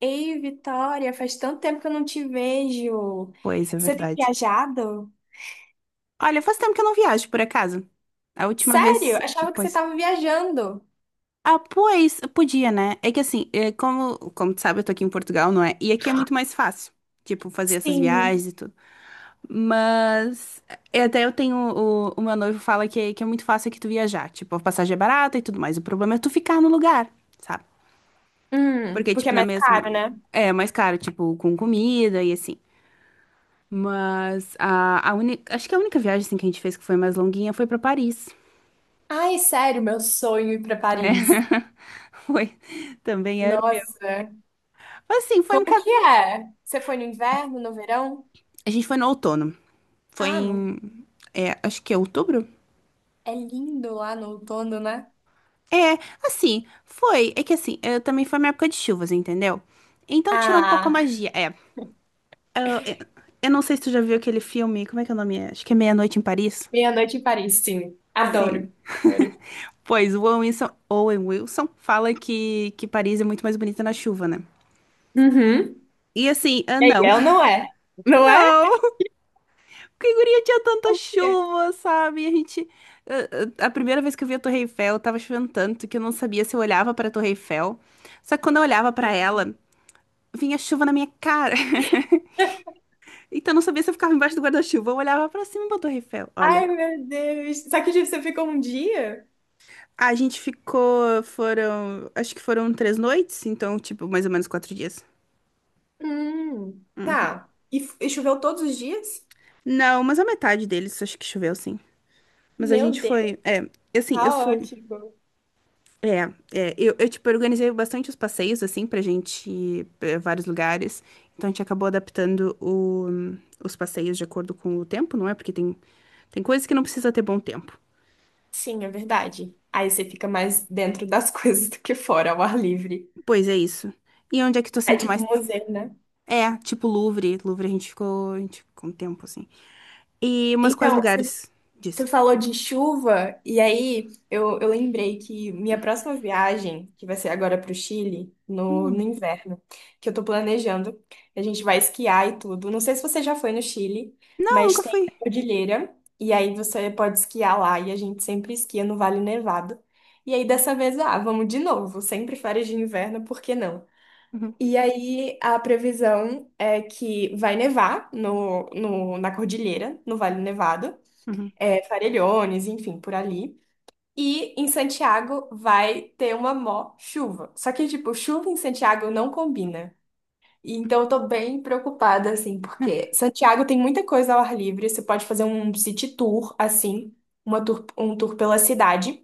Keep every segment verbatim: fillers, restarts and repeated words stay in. Ei, Vitória, faz tanto tempo que eu não te vejo. Pois, é Você tem verdade. viajado? Olha, faz tempo que eu não viajo, por acaso. A última Sério? vez. Achava que você Pois. estava viajando. Ah, pois, podia, né? É que assim, é, como, como tu sabe, eu tô aqui em Portugal, não é? E aqui é muito mais fácil, tipo, fazer essas Sim. viagens e tudo. Mas. É, Até eu tenho. O, o meu noivo fala que, é, que é muito fácil aqui tu viajar. Tipo, a passagem é barata e tudo mais. O problema é tu ficar no lugar, sabe? Hum, Porque, porque é tipo, na mais mesma. caro, né? É é mais caro, tipo, com comida e assim. Mas a, a única. Acho que a única viagem assim, que a gente fez que foi mais longuinha foi pra Paris. Ai, sério, meu sonho é ir para É, Paris. foi. Também era o meu. Nossa, Mas, assim, foi um como bocado. que é? Você foi no inverno, no verão? A gente foi no outono. Foi Ah, não. em. é, acho que é outubro? É lindo lá no outono, né? É, assim, foi. É que assim, eh, também foi uma época de chuvas, entendeu? Então tirou um pouco a Ah, magia. É. Eu, eu- eu não sei se tu já viu aquele filme. Como é que é o nome? É? Acho que é Meia-Noite em Paris. meia-noite em Paris, sim. Sim. Adoro. Adoro. Pois, o Owen Wilson, Owen Wilson fala que, que Paris é muito mais bonita na chuva, né? Uhum. E assim, ah, não. É ou não é? Não é? Não! Que guria tinha tanta Como que é? chuva, sabe? A gente. A a- a primeira vez que eu vi a Torre Eiffel, tava chovendo tanto que eu não sabia se eu olhava pra Torre Eiffel. Só que quando eu olhava pra Sim. ela, vinha chuva na minha cara. Então eu não sabia se eu ficava embaixo do guarda-chuva. Eu olhava pra cima pra Torre Eiffel. Olha. Ai, meu Deus. Só que tipo, você ficou um dia? A gente ficou. Foram. Acho que foram três noites, então, tipo, mais ou menos quatro dias. Hum, tá. E, f- e choveu todos os dias? Não, mas a metade deles acho que choveu, sim. Mas a Meu gente Deus, foi. É, assim, eu sou. caótico. É, é, eu, eu, tipo, organizei bastante os passeios, assim, pra gente ir pra vários lugares. Então, a gente acabou adaptando o- os passeios de acordo com o tempo, não é? Porque tem, tem coisas que não precisa ter bom tempo. Sim, é verdade. Aí você fica mais dentro das coisas do que fora, ao ar livre. Pois é isso. E onde é que tu É sinto tipo mais. museu, né? É, tipo Louvre. Louvre a gente ficou, a gente ficou um tempo, assim. E umas quais Então, lugares disso? você falou de chuva, e aí eu, eu lembrei que minha próxima viagem, que vai ser agora para o Chile, no, no Hum. inverno, que eu tô planejando, a gente vai esquiar e tudo. Não sei se você já foi no Chile, Não, mas nunca tem fui. a cordilheira, e aí você pode esquiar lá, e a gente sempre esquia no Vale Nevado. E aí dessa vez, ah, vamos de novo, sempre férias de inverno, por que não? Uhum, E aí, a previsão é que vai nevar no, no, na cordilheira, no Vale Nevado, uhum, é, Farellones, enfim, por ali. E em Santiago vai ter uma mó chuva. Só que, tipo, chuva em Santiago não combina. E então eu tô bem preocupada, assim, é, porque Santiago tem muita coisa ao ar livre. Você pode fazer um city tour, assim, uma tour, um tour pela cidade,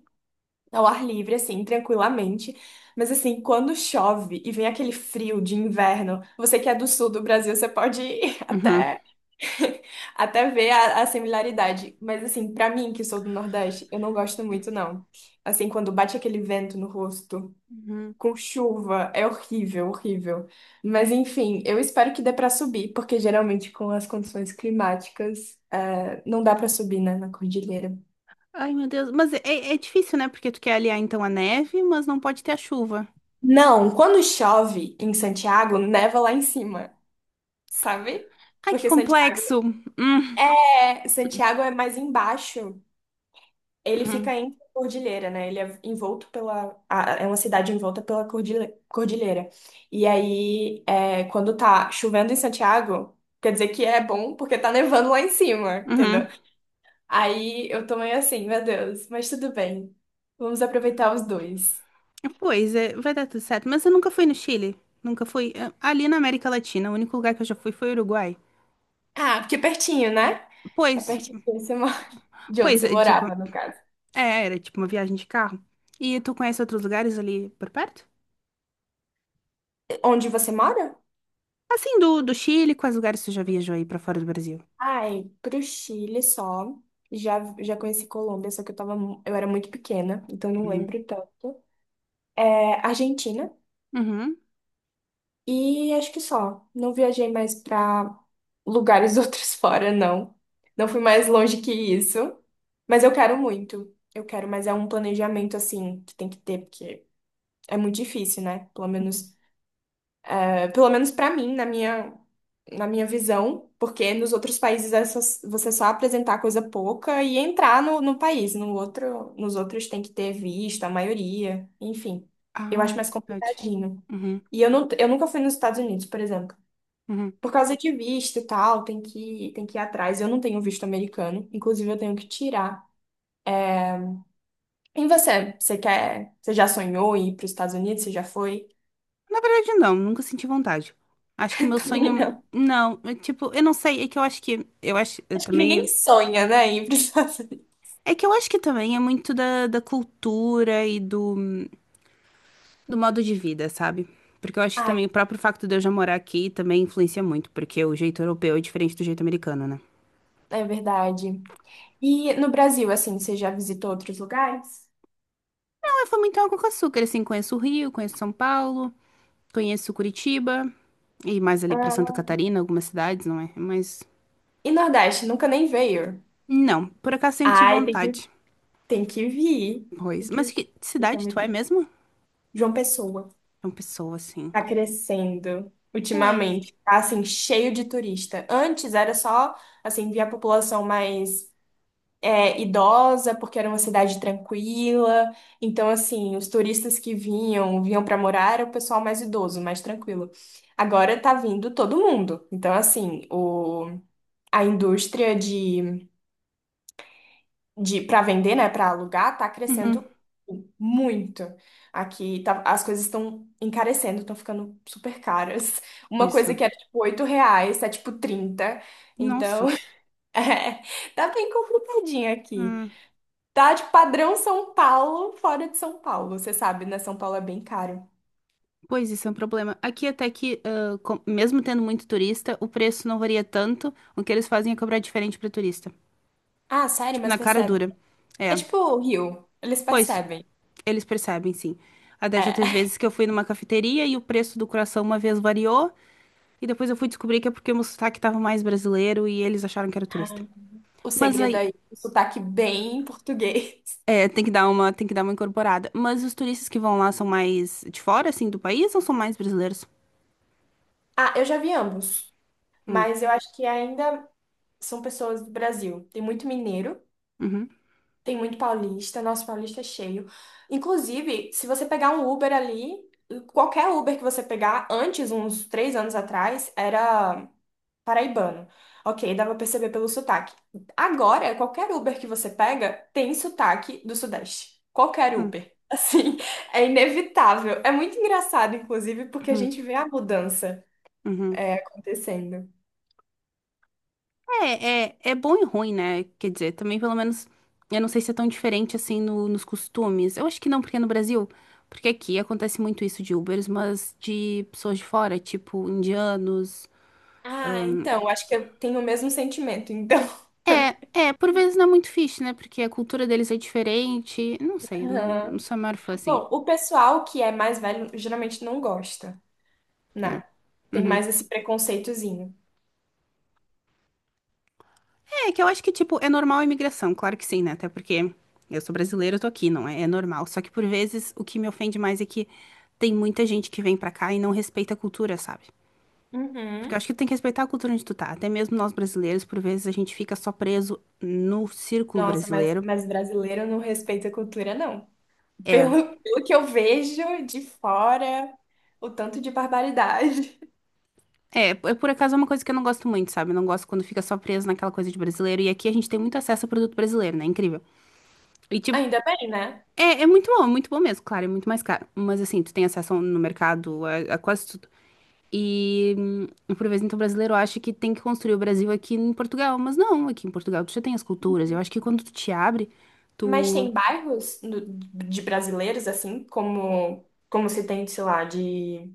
ao ar livre, assim, tranquilamente. Mas, assim, quando chove e vem aquele frio de inverno, você que é do sul do Brasil, você pode ir uhum, até até ver a, a similaridade. Mas, assim, pra mim, que sou do Nordeste, eu não gosto muito, não. Assim, quando bate aquele vento no rosto, uhum. com chuva, é horrível, horrível. Mas, enfim, eu espero que dê pra subir, porque geralmente com as condições climáticas, eh, não dá pra subir, né, na cordilheira. Ai, meu Deus. Mas é, é difícil, né? Porque tu quer aliar, então, a neve, mas não pode ter a chuva. Não, quando chove em Santiago, neva lá em cima, sabe? Ai, que Porque Santiago complexo. Hum, é, Santiago é mais embaixo. Ele uhum, fica em cordilheira, né? Ele é envolto pela. A- É uma cidade envolta pela cordile- cordilheira. E aí, é, quando tá chovendo em Santiago, quer dizer que é bom porque tá nevando lá em cima, entendeu? uhum. Aí eu tô meio assim, meu Deus, mas tudo bem. Vamos aproveitar os dois. Pois é, vai dar tudo certo. Mas eu nunca fui no Chile. Nunca fui. eh, Ali na América Latina, o único lugar que eu já fui foi o Uruguai. Ah, porque é pertinho, né? É Pois, pertinho de onde você mo- de onde pois, você é, tipo, morava, no caso. é, era tipo uma viagem de carro. E tu conhece outros lugares ali por perto? Onde você mora? Assim, do, do Chile, quais lugares tu já viajou aí pra fora do Brasil? Ai, pro Chile só. Já, já conheci Colômbia, só que eu tava, mu- eu era muito pequena, então não Uhum. lembro tanto. É, Argentina. Uhum. E acho que só. Não viajei mais pra lugares outros fora, não. Não fui mais longe que isso. Mas eu quero muito. Eu quero, mas é um planejamento assim que tem que ter, porque é muito difícil, né? Pelo uhum. menos Pelo menos para mim, na minha, na minha visão, porque nos outros países é só- você só apresentar coisa pouca e entrar no, no país. No outro, nos outros tem que ter visto, a maioria, enfim. Eu Ah, acho é mais verdade. complicadinho. Uhum. E eu, não, eu nunca fui nos Estados Unidos, por exemplo. Uhum. Por causa de visto e tal, tem que, tem que ir atrás. Eu não tenho visto americano, inclusive eu tenho que tirar. E você? Você quer? Você já sonhou em ir para os Estados Unidos? Você já foi? Na verdade, não, nunca senti vontade. Acho que o meu Também sonho. não. Não, é tipo, eu não sei, é que eu acho que. Eu acho. Eu Acho que ninguém também. sonha, né, em ir para os Estados Unidos. É que eu acho que também é muito da, da cultura e do, do modo de vida, sabe? Porque eu acho que também o próprio facto de eu já morar aqui também influencia muito, porque o jeito europeu é diferente do jeito americano, né? É verdade. E no Brasil, assim, você já visitou outros lugares? Não, eu fui muito água com açúcar, assim, conheço o Rio, conheço São Paulo, conheço Curitiba, e mais ali pra Santa Ah. Catarina, algumas cidades, não é? Mas, E Nordeste, nunca nem veio. não, por acaso sempre tive Ai, tem que, vontade, tem que vir. Tem pois. Mas que, que tem que cidade tu é muito- mesmo? João Pessoa É uma pessoa, assim. tá crescendo Pois. ultimamente. Tá, assim, cheio de turista. Antes era só, assim, via a população mais é, idosa, porque era uma cidade tranquila. Então, assim, os turistas que vinham, vinham para morar, era o pessoal mais idoso, mais tranquilo. Agora tá vindo todo mundo. Então, assim, o, a indústria de, de para vender, né, para alugar, tá Uhum, crescendo muito. Aqui tá- as coisas estão encarecendo, estão ficando super caras. Uma pois. coisa que era tipo oito reais, tá tipo trinta. Nossa. Então, é, tá bem complicadinho aqui. Hum. Tá de padrão São Paulo, fora de São Paulo. Você sabe, né? São Paulo é bem caro. Pois isso é um problema. Aqui até que, ah, com- mesmo tendo muito turista, o preço não varia tanto. O que eles fazem é cobrar diferente para turista. Ah, sério? Tipo, Mas na cara percebe. dura. É É. tipo o Rio. Eles Pois, percebem. eles percebem, sim. Até já teve É. vezes que eu fui numa cafeteria e o preço do coração uma vez variou. E depois eu fui descobrir que é porque o meu sotaque tava mais brasileiro e eles acharam que era turista. Ah. O Mas segredo aí, aí, o sotaque bem português. é, tem que dar uma, tem que dar uma incorporada. Mas os turistas que vão lá são mais de fora, assim, do país ou são mais brasileiros? Ah, eu já vi ambos. Hum, Mas eu acho que ainda são pessoas do Brasil. Tem muito mineiro, uhum, tem muito paulista. Nosso paulista é cheio. Inclusive, se você pegar um Uber ali, qualquer Uber que você pegar, antes, uns três anos atrás, era paraibano. Ok, dá pra perceber pelo sotaque. Agora, qualquer Uber que você pega tem sotaque do Sudeste. Qualquer hum, Uber. Assim, é inevitável. É muito engraçado, inclusive, porque a uhum, gente vê a mudança uhum. é, acontecendo. É, é, é bom e ruim, né? Quer dizer, também pelo menos, eu não sei se é tão diferente assim no- nos costumes. Eu acho que não, porque é no Brasil, porque aqui acontece muito isso de Ubers, mas de pessoas de fora, tipo indianos. Ah, então, acho que eu tenho o mesmo sentimento, então. É, é, por vezes não é muito fixe, né? Porque a cultura deles é diferente. Não sei, não, não Aham. sou a maior fã assim. Bom, o pessoal que é mais velho geralmente não gosta, né? Tem Uhum. mais esse preconceitozinho. É, que eu acho que, tipo, é normal a imigração, claro que sim, né? Até porque eu sou brasileira, eu tô aqui, não é? É normal. Só que por vezes o que me ofende mais é que tem muita gente que vem pra cá e não respeita a cultura, sabe? Porque eu Uhum. acho que tu tem que respeitar a cultura onde tu tá. Até mesmo nós brasileiros, por vezes a gente fica só preso no círculo Nossa, mas, brasileiro. mas brasileiro não respeita a cultura, não. É, Pelo, pelo que eu vejo de fora, o tanto de barbaridade. é, é, por acaso é uma coisa que eu não gosto muito, sabe? Eu não gosto quando fica só preso naquela coisa de brasileiro. E aqui a gente tem muito acesso a produto brasileiro, né? Incrível. E tipo, Ainda bem, né? é, é muito bom, é muito bom mesmo, claro, é muito mais caro. Mas assim, tu tem acesso no mercado a, a quase tudo. E hum, por vezes então o brasileiro acha que tem que construir o Brasil aqui em Portugal, mas não, aqui em Portugal tu já tem as culturas. Eu acho que quando tu te abre, Mas tu. tem bairros no- de brasileiros, assim, como, como se tem, sei lá, de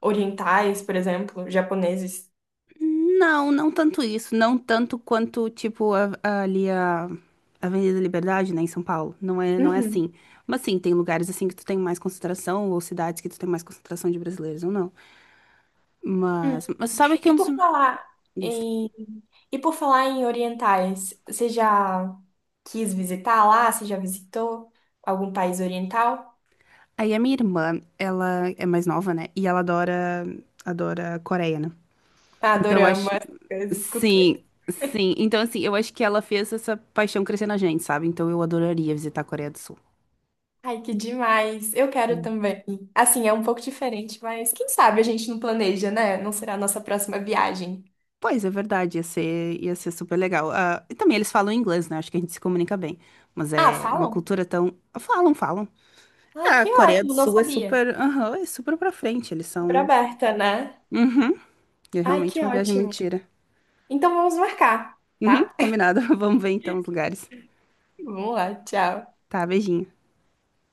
orientais, por exemplo, japoneses. Não, não tanto isso. Não tanto quanto, tipo, a- a- ali a a Avenida da Liberdade, né, em São Paulo. Não é, não é Uhum. assim. Mas sim, tem lugares assim que tu tem mais concentração, ou cidades que tu tem mais concentração de brasileiros, ou não. Hum. Mas, mas sabe que é E um dos. por falar Isso. em, e por falar em orientais, você já quis visitar lá? Você já visitou algum país oriental? Aí a minha irmã, ela é mais nova, né? E ela adora, adora Coreia, né? Então eu Adorama acho. essas coisas, cultura. Sim, sim. Então, assim, eu acho que ela fez essa paixão crescer na gente, sabe? Então eu adoraria visitar a Coreia do Sul. Ai, que demais. Eu quero também. Assim, é um pouco diferente, mas quem sabe a gente não planeja, né? Não será a nossa próxima viagem. Pois, é verdade, ia ser, ia ser super legal. Ah, e também eles falam inglês, né? Acho que a gente se comunica bem. Mas Ah, é uma falam? cultura tão. Falam, falam. Ai, Ah, a que Coreia do ótimo, não Sul é sabia. super. Aham, é super pra frente. Eles Super são. aberta, né? Uhum. É Ai, realmente que uma viagem muito ótimo. tira. Então vamos marcar, Uhum, tá? combinado. Vamos ver então os lugares. Vamos lá, tchau. Tá, beijinho.